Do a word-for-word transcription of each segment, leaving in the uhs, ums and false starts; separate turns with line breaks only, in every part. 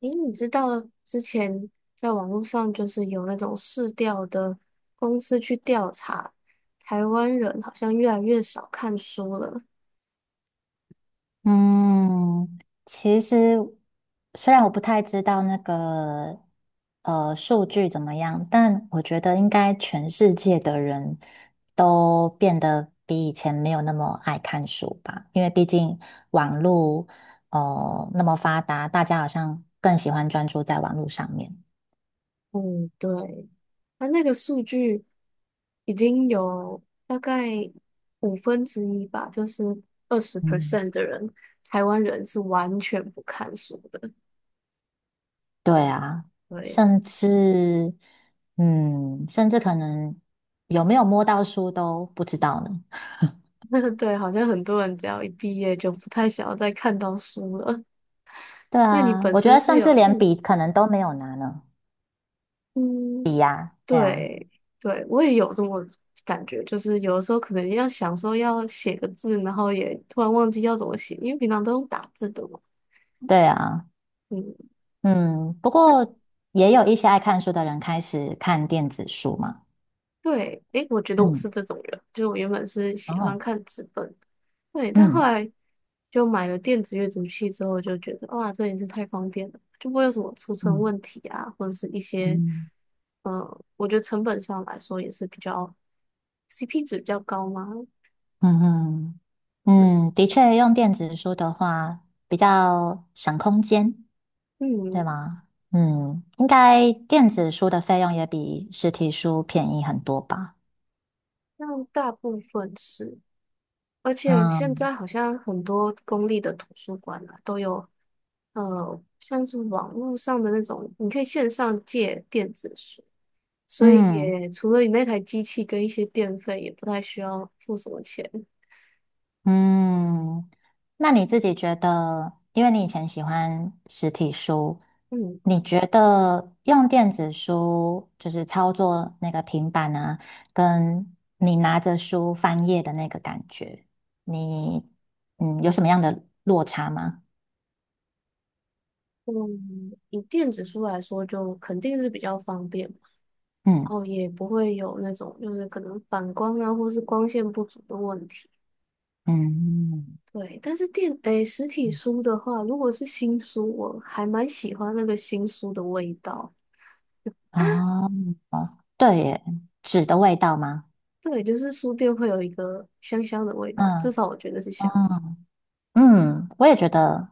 诶，你知道之前在网络上就是有那种市调的公司去调查，台湾人好像越来越少看书了。
嗯，其实虽然我不太知道那个呃数据怎么样，但我觉得应该全世界的人都变得比以前没有那么爱看书吧，因为毕竟网络哦那么发达，大家好像更喜欢专注在网络上面。
嗯，对，那那个数据已经有大概五分之一吧，就是二十
嗯，
percent 的人，台湾人是完全不看书的。
对啊，
对。
甚至嗯，甚至可能有没有摸到书都不知道呢。
对，好像很多人只要一毕业就不太想要再看到书了。
对
那你
啊，
本
我觉
身
得
是
甚至
有
连
嗯
笔可能都没有拿呢。
嗯？
对啊，
对对，我也有这么感觉，就是有的时候可能要想说要写个字，然后也突然忘记要怎么写，因为平常都用打字的嘛。
对啊，
嗯，
嗯，不过也有一些爱看书的人开始看电子书嘛。
对，诶，我觉得我是
嗯。
这种人，就我原本是喜欢
哦。
看纸本，对，但后
嗯
来就买了电子阅读器之后，就觉得哇，这也是太方便了，就不会有什么储存
嗯
问题啊，或者是一些，
嗯
嗯，我觉得成本上来说也是比较 C P 值比较高嘛。
嗯
对，
嗯。嗯，的确，用电子书的话比较省空间，对
嗯，
吗？嗯，应该电子书的费用也比实体书便宜很多吧？
像大部分是，而且现
嗯
在好像很多公立的图书馆啊，都有呃，像是网络上的那种，你可以线上借电子书，所以
嗯。
也除了你那台机器跟一些电费，也不太需要付什么钱。
嗯，那你自己觉得，因为你以前喜欢实体书，
嗯
你觉得用电子书就是操作那个平板啊，跟你拿着书翻页的那个感觉，你嗯有什么样的落差吗？
嗯，以电子书来说，就肯定是比较方便嘛，然
嗯
后也不会有那种就是可能反光啊，或是光线不足的问题。
嗯。
对，但是电，诶，实体书的话，如果是新书，我还蛮喜欢那个新书的味道。
哦。对耶，纸的味道吗？
对，就是书店会有一个香香的味道，至
嗯
少我觉得是香的。
哦嗯，我也觉得。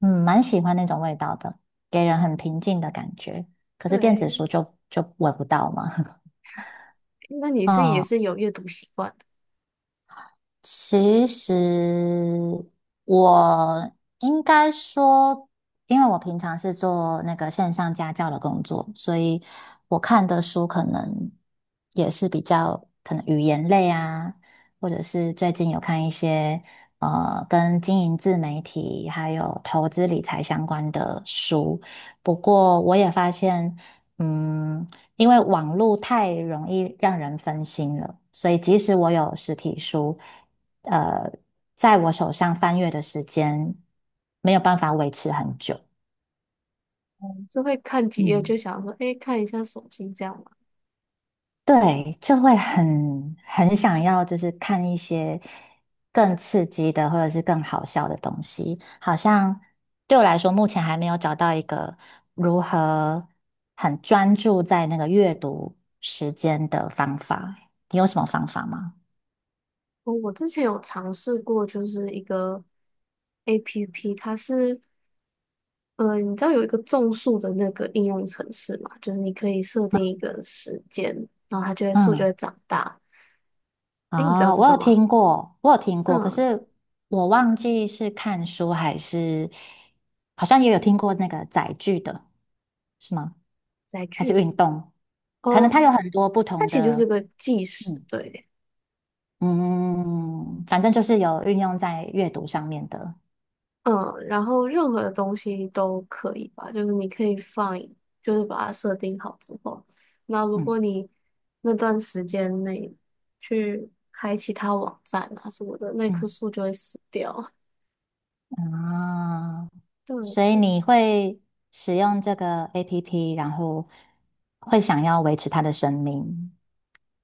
嗯，蛮喜欢那种味道的，给人很平静的感觉。可是电子
对，
书就就闻不到嘛。
那 你是也
哦，
是有阅读习惯的。
其实我应该说，因为我平常是做那个线上家教的工作，所以我看的书可能也是比较可能语言类啊，或者是最近有看一些呃跟经营自媒体还有投资理财相关的书。不过我也发现，嗯，因为网络太容易让人分心了，所以即使我有实体书。呃，在我手上翻阅的时间没有办法维持很久。
嗯是会看几页
嗯，
就想说，诶，看一下手机这样吗？
对，就会很很想要，就是看一些更刺激的或者是更好笑的东西。好像对我来说，目前还没有找到一个如何很专注在那个阅读时间的方法。你有什么方法吗？
我我之前有尝试过，就是一个 A P P，它是呃，你知道有一个种树的那个应用程式嘛？就是你可以设定一个时间，然后它就会树就
嗯
会长大。诶，你知道
哦，
这
我
个
有
吗？
听过，我有听过，可
嗯，
是我忘记是看书还是，好像也有听过那个载具的，是吗？
载
还是
具
运动？可能
哦，
它有很多不
它
同
其实就是
的，
个计时，
嗯
对。
嗯，反正就是有运用在阅读上面的，
嗯，然后任何的东西都可以吧，就是你可以放，就是把它设定好之后，那如果
嗯
你那段时间内去开其他网站啊什么的，那棵
嗯
树就会死掉。
啊，所以
对，
你会使用这个 A P P，然后会想要维持它的生命，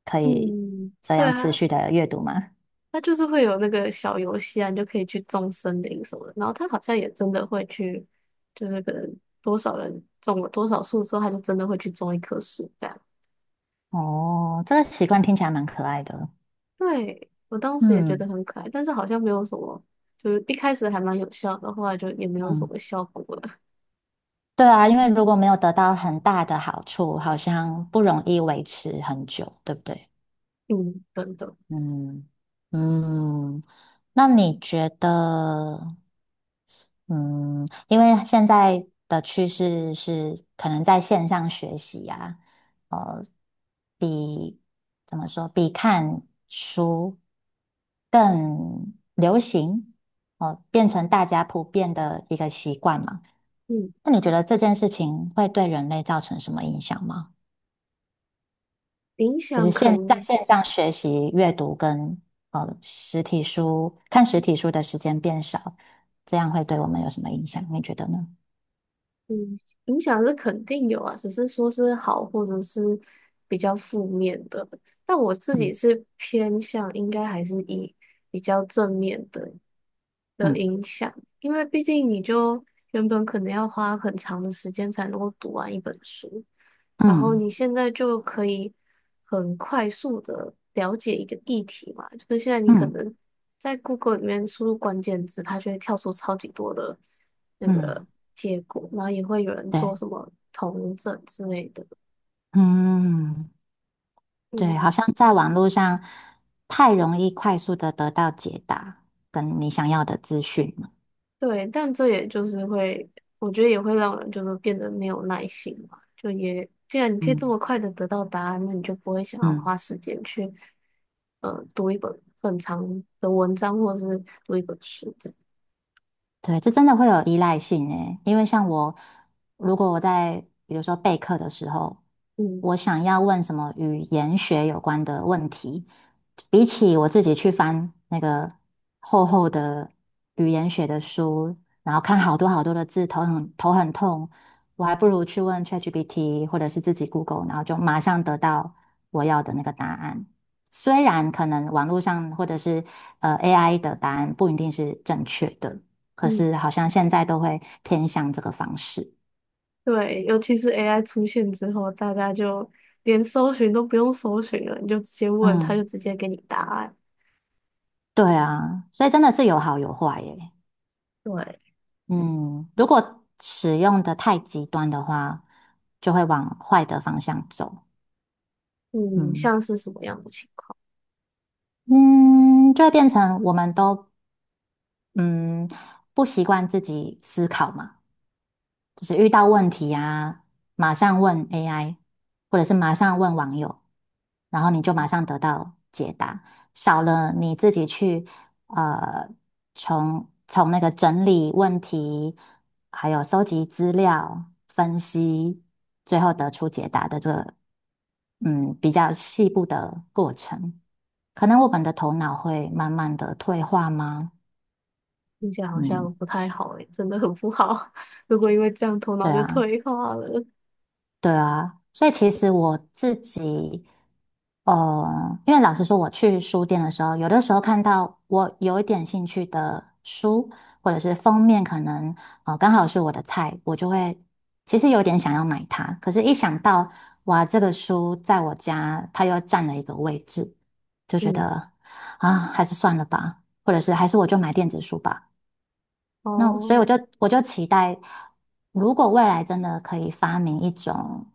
可以
嗯，
这
对
样持
啊，
续的阅读吗？
它就是会有那个小游戏啊，你就可以去种森林什么的。然后它好像也真的会去，就是可能多少人种了多少树之后，它就真的会去种一棵树这样。
哦，这个习惯听起来蛮可爱的。
对，我当时也觉
嗯
得很可爱，但是好像没有什么，就是一开始还蛮有效的，后来就也没有什
嗯，
么效果了。
对啊，因为如果没有得到很大的好处，好像不容易维持很久，对不对？
嗯，等等。
嗯嗯，那你觉得？嗯，因为现在的趋势是可能在线上学习啊，呃，比怎么说，比看书更流行，哦，变成大家普遍的一个习惯嘛。
嗯，
那你觉得这件事情会对人类造成什么影响吗？
影
就
响
是
可
现在
能。
线上学习阅读跟呃实体书看实体书的时间变少，这样会对我们有什么影响？你觉得呢？
嗯，影响是肯定有啊，只是说是好或者是比较负面的。但我自己
嗯
是偏向应该还是以比较正面的，的
嗯。
影响，因为毕竟你就原本可能要花很长的时间才能够读完一本书，然后
嗯
你现在就可以很快速的了解一个议题嘛，就是现在你可
嗯
能在 Google 里面输入关键字，它就会跳出超级多的那
嗯。
个结果，然后也会有人
对。
做什么同整之类的，
嗯对，好
嗯。
像在网络上太容易快速的得到解答，跟你想要的资讯了。
对，但这也就是会，我觉得也会让人就是变得没有耐心嘛。就也，既然你可以这
嗯
么快的得到答案，那你就不会想要
嗯。
花时间去呃读一本很长的文章，或者是读一本书这样。
对，这真的会有依赖性诶，因为像我，如果我在比如说备课的时候，
嗯
我想要问什么语言学有关的问题，比起我自己去翻那个厚厚的语言学的书，然后看好多好多的字，头很头很痛，我还不如去问 ChatGPT 或者是自己 Google，然后就马上得到我要的那个答案。虽然可能网络上或者是呃 A I 的答案不一定是正确的。可
嗯，
是好像现在都会偏向这个方式。
对，尤其是 A I 出现之后，大家就连搜寻都不用搜寻了，你就直接问，他就
嗯，
直接给你答案。
对啊，所以真的是有好有坏耶。
对，
嗯，如果使用的太极端的话，就会往坏的方向走。
嗯，
嗯
像是什么样的情况？
嗯，就会变成我们都嗯不习惯自己思考嘛。就是遇到问题啊，马上问 A I，或者是马上问网友，然后你就马上得到解答，少了你自己去呃从从那个整理问题，还有收集资料、分析，最后得出解答的这个嗯比较细部的过程，可能我们的头脑会慢慢的退化吗？
听起来好
嗯，
像不太好诶，真的很不好。如果因为这样头
对
脑就
啊。
退化了，
对啊，所以其实我自己哦，因为老实说，我去书店的时候，有的时候看到我有一点兴趣的书，或者是封面可能呃刚好是我的菜，我就会其实有点想要买它。可是，一想到哇，这个书在我家它又占了一个位置，就觉
嗯，
得啊，还是算了吧，或者是还是我就买电子书吧。那我所
哦，
以我就我就期待，如果未来真的可以发明一种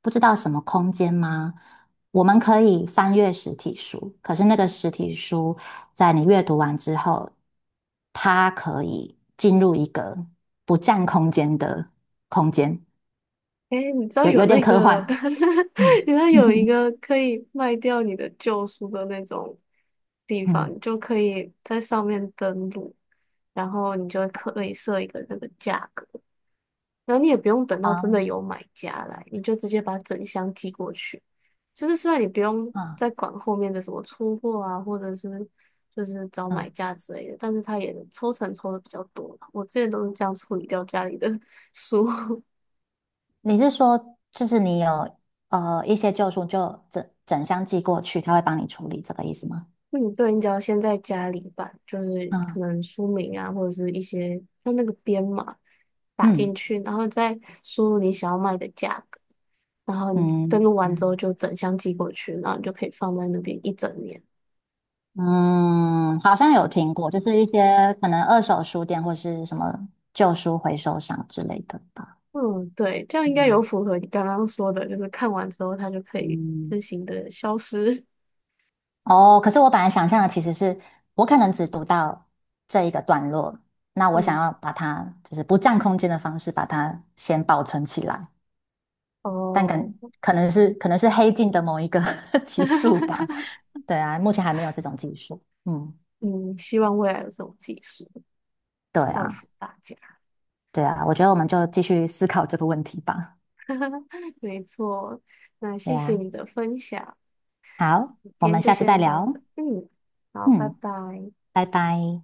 不知道什么空间吗？我们可以翻阅实体书，可是那个实体书在你阅读完之后，它可以进入一个不占空间的空间，
诶，你知道
有
有
有点
那
科
个，
幻。嗯
你知道有一 个可以卖掉你的旧书的那种地方，
嗯，
你就可以在上面登录，然后你就可以设一个那个价格。然后你也不用等到真的有
啊
买家来，你就直接把整箱寄过去。就是虽然你不用
啊
再管后面的什么出货啊，或者是就是找买
嗯，
家之类的，但是他也抽成抽的比较多嘛。我之前都是这样处理掉家里的 书。
你是说就是你有呃一些旧书就整整箱寄过去，他会帮你处理这个意思吗？
嗯，对，你只要先在家里把就是
啊。
可能书名啊，或者是一些像那个编码打进
嗯
去，然后再输入你想要卖的价格。然后你登
嗯
录完之后
嗯。
就整箱寄过去，然后你就可以放在那边一整年。
嗯，好像有听过，就是一些可能二手书店或是什么旧书回收商之类的吧。
嗯，对，这样应该有
嗯
符合你刚刚说的，就是看完之后它就可以
嗯，
自行的消失。
哦，可是我本来想象的其实是我可能只读到这一个段落，那 我想
嗯，
要把它就是不占空间的方式把它先保存起来，但可
哦，
可能是可能是黑镜的某一个 集数吧。对啊，目前还没有这种技术。嗯，
嗯，希望未来有这种技术，
对
造
啊。
福大家。
对啊，我觉得我们就继续思考这个问题吧。
没错，那
对
谢谢
啊，
你的分享，
好，
今
我们
天就
下次再
先到这。
聊。
嗯，好，拜
嗯，
拜。
拜拜。